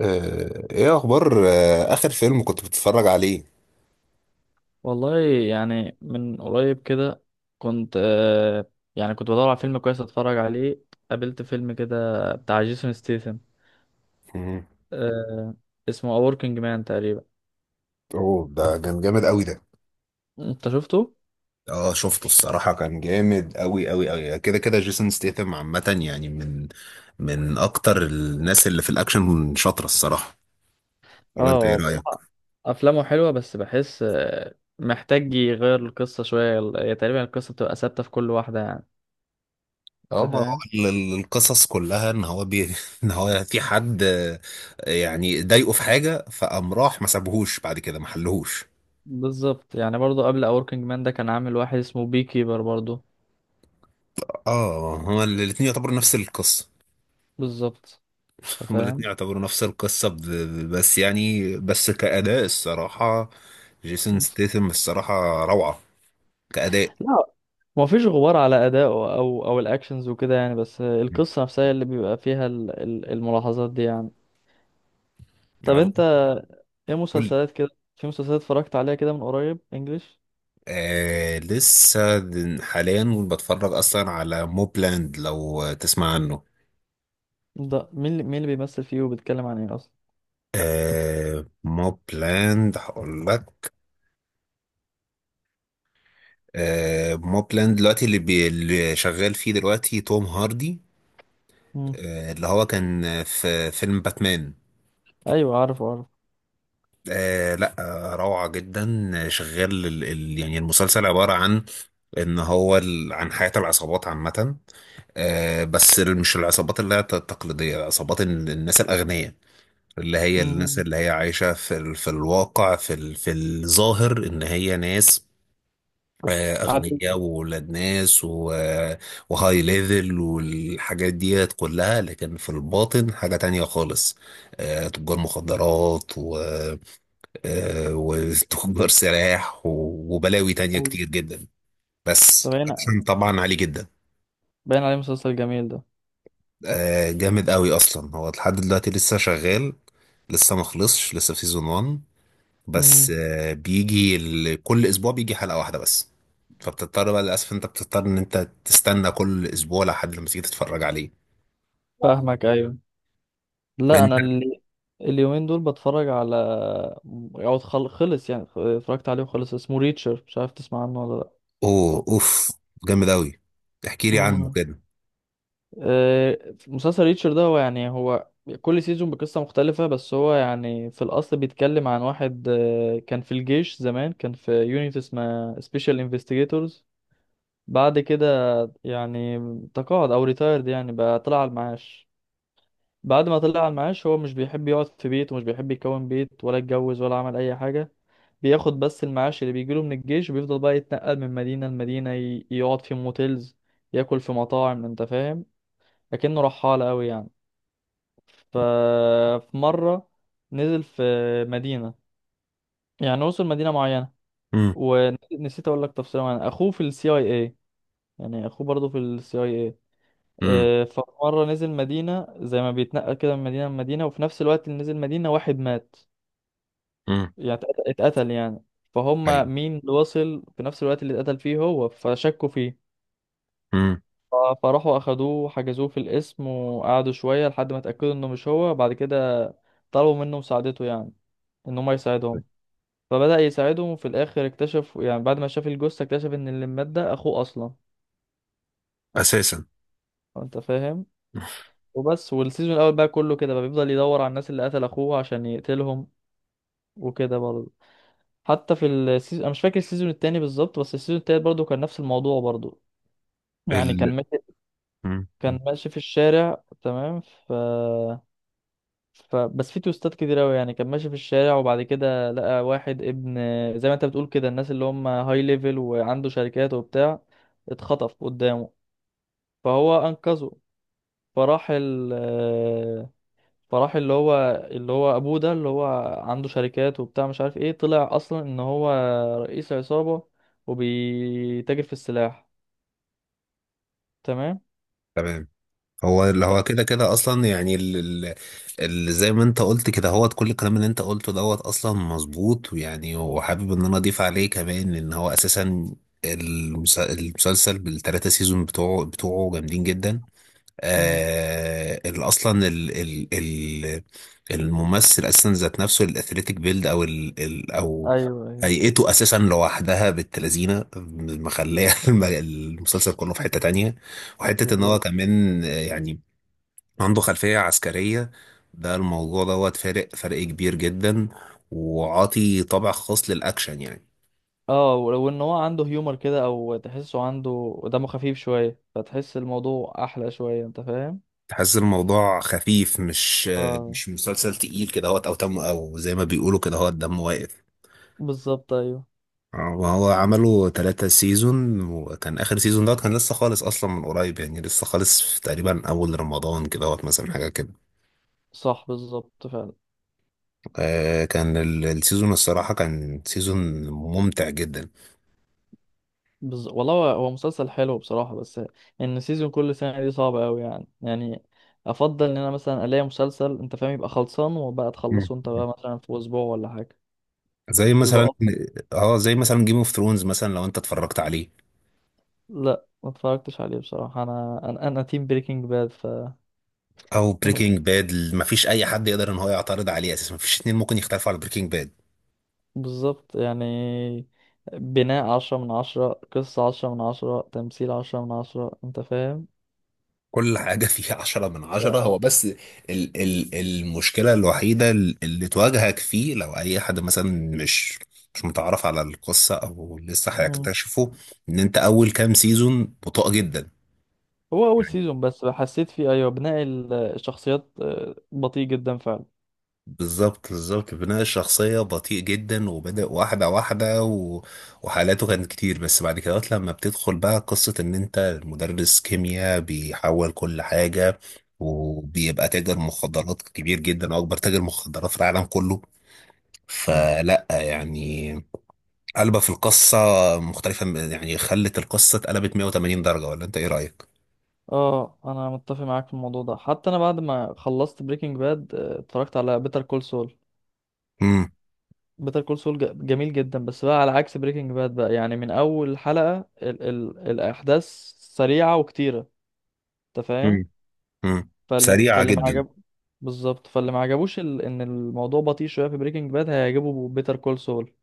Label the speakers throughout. Speaker 1: ايه اخبار؟ اخر فيلم كنت بتتفرج عليه؟
Speaker 2: والله، يعني من قريب كده. كنت يعني بدور على فيلم كويس اتفرج عليه. قابلت فيلم كده بتاع جيسون ستيثم،
Speaker 1: مم.
Speaker 2: آه اسمه A Working Man تقريبا.
Speaker 1: اوه ده كان جامد قوي ده.
Speaker 2: انت شفته؟
Speaker 1: اه شفته، الصراحة كان جامد قوي قوي قوي كده. جيسون ستيثم عامة يعني من اكتر الناس اللي في الاكشن شاطرة الصراحة. ولا
Speaker 2: اه،
Speaker 1: انت ايه
Speaker 2: هو
Speaker 1: رأيك؟
Speaker 2: بصراحة افلامه حلوة، بس بحس محتاج يغير القصة شوية. هي تقريبا القصة بتبقى ثابتة في كل واحدة يعني.
Speaker 1: اه،
Speaker 2: انت
Speaker 1: ما هو
Speaker 2: فاهم؟
Speaker 1: القصص كلها ان هو ان هو في حد، يعني ضايقه في حاجة، فقام راح ما سابهوش، بعد كده ما حلهوش.
Speaker 2: بالظبط، يعني برضه قبل A Working Man ده كان عامل واحد اسمه بي كيبر برضه.
Speaker 1: اه، هو الاتنين يعتبروا نفس القصة.
Speaker 2: بالظبط. انت
Speaker 1: هما الاتنين
Speaker 2: فاهم؟
Speaker 1: يعتبروا نفس القصة، بس كأداء الصراحة جيسون ستيثم الصراحة روعة كأداء.
Speaker 2: لا، ما فيش غبار على أدائه أو الأكشنز وكده يعني، بس القصة نفسها هي اللي بيبقى فيها الملاحظات دي يعني. طب
Speaker 1: يعني
Speaker 2: أنت، إيه
Speaker 1: قول لي.
Speaker 2: مسلسلات كده؟ في مسلسلات اتفرجت عليها كده من قريب إنجليش؟
Speaker 1: آه، لسه حاليا بتفرج أصلا على موبلاند، لو تسمع عنه.
Speaker 2: ده مين اللي بيمثل فيه وبيتكلم عن إيه أصلا؟
Speaker 1: آه، موبلاند هقول لك. آه، موبلاند دلوقتي اللي شغال فيه دلوقتي توم هاردي،
Speaker 2: مم.
Speaker 1: آه اللي هو كان في فيلم باتمان.
Speaker 2: أيوه، عارفه عارفه.
Speaker 1: آه لا. آه، روعة جدا. آه، شغال ال ال يعني المسلسل عبارة عن ان هو عن حياة العصابات عامة. آه بس مش العصابات اللي هي التقليدية، عصابات الناس الأغنياء، اللي هي الناس
Speaker 2: مم.
Speaker 1: اللي هي عايشة في في الواقع، في في الظاهر ان هي ناس، آه،
Speaker 2: عارف.
Speaker 1: أغنياء وولاد ناس وهاي ليفل والحاجات ديت كلها، لكن في الباطن حاجة تانية خالص. آه، تجار مخدرات، آه، وتجار سلاح وبلاوي تانية
Speaker 2: أيوه.
Speaker 1: كتير جدا. بس
Speaker 2: ده باين،
Speaker 1: اكشن طبعا عالي جدا.
Speaker 2: باين عليه مسلسل جميل ده.
Speaker 1: آه، جامد قوي. اصلا هو لحد دلوقتي لسه شغال، لسه ما خلصش، لسه في سيزون 1. بس
Speaker 2: مم.
Speaker 1: آه، بيجي كل اسبوع بيجي حلقة واحدة بس. فبتضطر بقى للاسف، انت بتضطر ان انت تستنى كل اسبوع لحد لما تيجي تتفرج عليه.
Speaker 2: فاهمك، أيوه. لا
Speaker 1: انت.
Speaker 2: أنا، اليومين دول بتفرج على، أو خلص، يعني اتفرجت عليه وخلص، اسمه ريتشر، مش عارف تسمع عنه ولا لأ.
Speaker 1: اوه، اوف، جامد قوي. احكي لي عنه
Speaker 2: مم.
Speaker 1: كده.
Speaker 2: آه، مسلسل ريتشر ده، هو يعني كل سيزون بقصة مختلفة، بس هو يعني في الأصل بيتكلم عن واحد كان في الجيش زمان، كان في يونيت اسمها سبيشال انفستيجيتورز. بعد كده يعني تقاعد أو ريتايرد، يعني بقى طلع على المعاش. بعد ما طلع على المعاش، هو مش بيحب يقعد في بيت، ومش بيحب يكون بيت ولا يتجوز، ولا عمل أي حاجة. بياخد بس المعاش اللي بيجيله من الجيش، وبيفضل بقى يتنقل من مدينة لمدينة، يقعد في موتيلز، ياكل في مطاعم، انت فاهم. لكنه رحالة قوي يعني. ففي مرة نزل في مدينة، يعني وصل مدينة معينة.
Speaker 1: امم.
Speaker 2: ونسيت اقول لك تفصيلة معينة، اخوه في السي اي اي، يعني اخوه برضه في السي اي اي.
Speaker 1: امم.
Speaker 2: فمرة نزل مدينة زي ما بيتنقل كده من مدينة لمدينة، وفي نفس الوقت اللي نزل مدينة واحد مات،
Speaker 1: امم.
Speaker 2: يعني اتقتل يعني. فهم
Speaker 1: ايوه.
Speaker 2: مين اللي وصل في نفس الوقت اللي اتقتل فيه هو، فشكوا فيه.
Speaker 1: امم.
Speaker 2: ف- فراحوا اخدوه وحجزوه في القسم، وقعدوا شوية لحد ما اتأكدوا انه مش هو. بعد كده طلبوا منه مساعدته، يعني ان هم يساعدهم. فبدأ يساعدهم، وفي الآخر اكتشف، يعني بعد ما شاف الجثة اكتشف إن اللي مات ده أخوه أصلا.
Speaker 1: اساسا.
Speaker 2: أنت فاهم. وبس، والسيزون الأول بقى كله كده بقى بيفضل يدور على الناس اللي قتل أخوه عشان يقتلهم، وكده برضه. حتى في السيزون، أنا مش فاكر السيزون التاني بالظبط، بس السيزون التالت برضه كان نفس الموضوع برضه. يعني
Speaker 1: ال...
Speaker 2: كان ماشي،
Speaker 1: مم.
Speaker 2: كان ماشي في الشارع تمام. ف ف بس في توستات كتير أوي، يعني كان ماشي في الشارع وبعد كده لقى واحد ابن، زي ما أنت بتقول كده، الناس اللي هم هاي ليفل وعنده شركات وبتاع، اتخطف قدامه، فهو انقذه. فراح ال آه، فراح اللي هو ابوه ده، اللي هو عنده شركات وبتاع مش عارف ايه، طلع اصلا ان هو رئيس عصابة، وبيتاجر في السلاح. تمام.
Speaker 1: تمام. هو اللي
Speaker 2: ف...
Speaker 1: هو كده كده اصلا، يعني اللي زي ما انت قلت كده، هو كل الكلام اللي انت قلته دوت اصلا مظبوط، ويعني وحابب ان انا اضيف عليه كمان ان هو اساسا المسلسل بالثلاثه سيزون بتوعه بتوعه جامدين جدا.
Speaker 2: مم.
Speaker 1: آه ال- اصلا ال ال ال الممثل اساسا ذات نفسه، الاثليتيك بيلد او ال ال او
Speaker 2: ايوه ايوه.
Speaker 1: هيئته اساسا لوحدها بالتلازينه مخليه المسلسل كله في حته تانية. وحته ان هو
Speaker 2: بالظبط.
Speaker 1: كمان آه، يعني عنده خلفيه عسكريه، ده الموضوع دوت فارق فرق كبير جدا، وعاطي طابع خاص للاكشن يعني.
Speaker 2: اه، وان هو عنده هيومر كده، او تحسه عنده دمه خفيف شوية، فتحس الموضوع احلى شوية، انت فاهم.
Speaker 1: تحس الموضوع خفيف، مش آه،
Speaker 2: آه.
Speaker 1: مش مسلسل تقيل كده، هوت او تم، او زي ما بيقولوا كده، هوت دم واقف.
Speaker 2: بالظبط، ايوه.
Speaker 1: آه، وهو عملوا ثلاثة سيزون، وكان آخر سيزون دوت كان لسه خالص أصلا، من قريب يعني، لسه خالص في تقريبا أول رمضان كده، وقت مثلا حاجة كده.
Speaker 2: صح، بالظبط فعلا.
Speaker 1: آه، كان السيزون الصراحة كان سيزون ممتع جدا.
Speaker 2: والله هو، مسلسل حلو بصراحة. بس ان سيزون كل سنة دي صعبة قوي يعني، افضل ان انا مثلا الاقي مسلسل، انت فاهم، يبقى خلصان، وبقى
Speaker 1: مم.
Speaker 2: تخلصه انت بقى مثلا في اسبوع ولا حاجة،
Speaker 1: زي
Speaker 2: بيبقى
Speaker 1: مثلا.
Speaker 2: أفضل.
Speaker 1: اه زي مثلا جيم اوف ثرونز مثلا، لو انت اتفرجت عليه.
Speaker 2: لا ما اتفرجتش عليه بصراحة، أنا تيم بريكنج باد.
Speaker 1: او بريكنج باد، مفيش اي حد يقدر ان هو يعترض عليه اساسا، مفيش اتنين ممكن يختلفوا على بريكنج باد.
Speaker 2: بالظبط يعني، بناء عشرة من عشرة، قصة عشرة من عشرة، تمثيل عشرة من عشرة، انت فاهم.
Speaker 1: كل حاجة فيها عشرة من عشرة. هو بس ال ال المشكلة الوحيدة اللي تواجهك فيه، لو أي حد مثلا مش مش متعرف على القصة أو لسه
Speaker 2: مم.
Speaker 1: هيكتشفه، إن أنت أول كام سيزون بطيء جدا.
Speaker 2: هو اول سيزون بس حسيت فيه، ايوه، بناء الشخصيات بطيء جدا فعلا.
Speaker 1: بالظبط، بالظبط، بناء الشخصية بطيء جدا، وبدأ واحدة واحدة و... وحالاته كانت كتير. بس بعد كده لما بتدخل بقى قصة إن أنت مدرس كيمياء بيحول كل حاجة، وبيبقى تاجر مخدرات كبير جدا، أكبر تاجر مخدرات في العالم كله.
Speaker 2: مم.
Speaker 1: فلا يعني قلبة في القصة مختلفة، يعني خلت القصة اتقلبت 180 درجة. ولا أنت إيه رأيك؟
Speaker 2: اه، انا متفق معاك في الموضوع ده. حتى انا بعد ما خلصت بريكنج باد اتفرجت على بيتر كول سول.
Speaker 1: امم.
Speaker 2: بيتر كول سول جميل جدا، بس بقى على عكس بريكنج باد بقى، يعني من اول حلقة ال ال الاحداث سريعة وكتيرة، انت فاهم.
Speaker 1: مم. امم.
Speaker 2: فاللي
Speaker 1: سريعة
Speaker 2: فاللي ما
Speaker 1: جدا.
Speaker 2: عجب بالظبط، فاللي ما عجبوش ال ان الموضوع بطيء شوية في بريكنج باد، هيعجبه بيتر كول سول.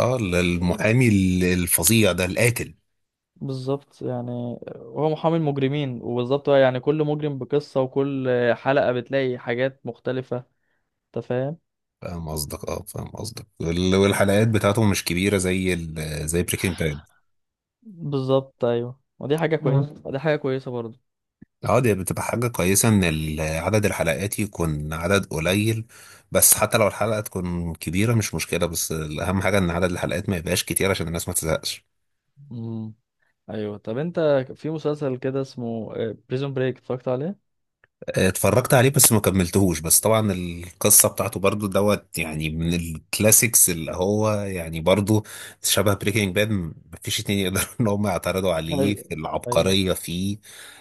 Speaker 1: اه، المحامي الفظيع ده القاتل.
Speaker 2: بالظبط، يعني هو محامي المجرمين، وبالظبط بقى يعني كل مجرم بقصة، وكل حلقة بتلاقي حاجات مختلفة، انت فاهم.
Speaker 1: فاهم قصدك، اه فاهم قصدك. والحلقات بتاعته مش كبيرة زي زي بريكنج باد.
Speaker 2: بالظبط، ايوه، ودي حاجه كويسه. مم. ودي حاجه كويسه برضو.
Speaker 1: اه دي بتبقى حاجة كويسة ان عدد الحلقات يكون عدد قليل. بس حتى لو الحلقة تكون كبيرة مش مشكلة، بس الأهم حاجة ان عدد الحلقات ما يبقاش كتير عشان الناس ما تزهقش.
Speaker 2: امم. ايوه. طب انت، في مسلسل كده اسمه بريزون بريك اتفرجت عليه؟
Speaker 1: اتفرجت عليه بس ما كملتهوش. بس طبعا القصة بتاعته برضو دوت يعني من الكلاسيكس، اللي هو يعني برضو شبه بريكنج باد. مفيش اتنين يقدروا ان هم يعترضوا عليه
Speaker 2: ايوه
Speaker 1: في
Speaker 2: ايوه.
Speaker 1: العبقرية فيه.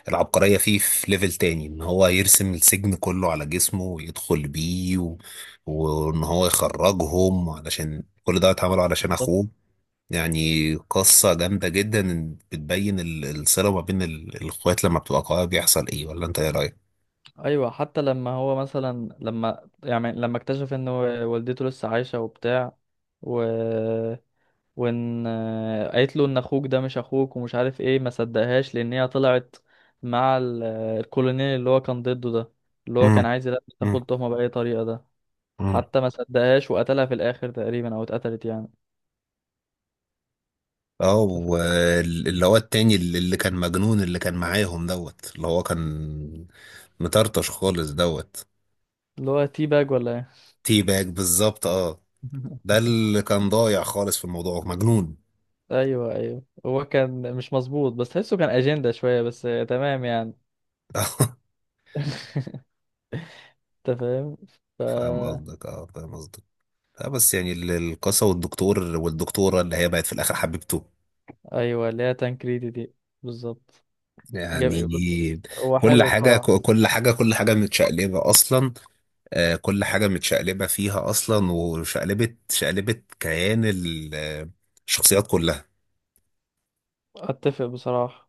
Speaker 1: العبقرية فيه في ليفل تاني، ان هو يرسم السجن كله على جسمه ويدخل بيه و... وان هو يخرجهم، علشان كل ده اتعمله علشان
Speaker 2: بالظبط،
Speaker 1: اخوه. يعني قصة جامدة جدا، بتبين الصلة ما بين الاخوات لما بتبقى قوية بيحصل ايه. ولا انت ايه رأيك؟
Speaker 2: ايوه. حتى لما هو مثلا لما يعني لما اكتشف ان والدته لسه عايشه وبتاع، و وان قالت له ان اخوك ده مش اخوك ومش عارف ايه، ما صدقهاش لان هي طلعت مع الكولونيل اللي هو كان ضده ده، اللي هو كان عايز يلبس
Speaker 1: مم.
Speaker 2: تاخد تهمه باي طريقه ده.
Speaker 1: مم.
Speaker 2: حتى ما صدقهاش وقتلها في الاخر تقريبا، او اتقتلت يعني.
Speaker 1: اه
Speaker 2: أنت فا-
Speaker 1: واللي هو التاني اللي كان مجنون، اللي كان معاهم دوت، اللي هو كان مطرطش خالص دوت.
Speaker 2: اللي هو تي باج ولا ايه؟
Speaker 1: تي باك بالظبط، اه، ده اللي كان ضايع خالص في الموضوع، مجنون.
Speaker 2: ايوه ايوه، هو كان مش مظبوط، بس تحسه كان اجنده شويه بس، تمام يعني. انت فاهم. ف
Speaker 1: فاهم قصدك، اه فاهم قصدك. اه بس يعني القصة، والدكتور والدكتورة اللي هي بقت في الآخر حبيبته
Speaker 2: ايوه، اللي هي تانكريدي دي. بالظبط.
Speaker 1: يعني.
Speaker 2: جم...
Speaker 1: هو
Speaker 2: هو
Speaker 1: كل
Speaker 2: حلو
Speaker 1: حاجة،
Speaker 2: بصراحه.
Speaker 1: كل حاجة متشقلبة أصلا. آه، كل حاجة متشقلبة فيها أصلا، وشقلبت، شقلبت كيان الشخصيات كلها.
Speaker 2: اتفق بصراحه.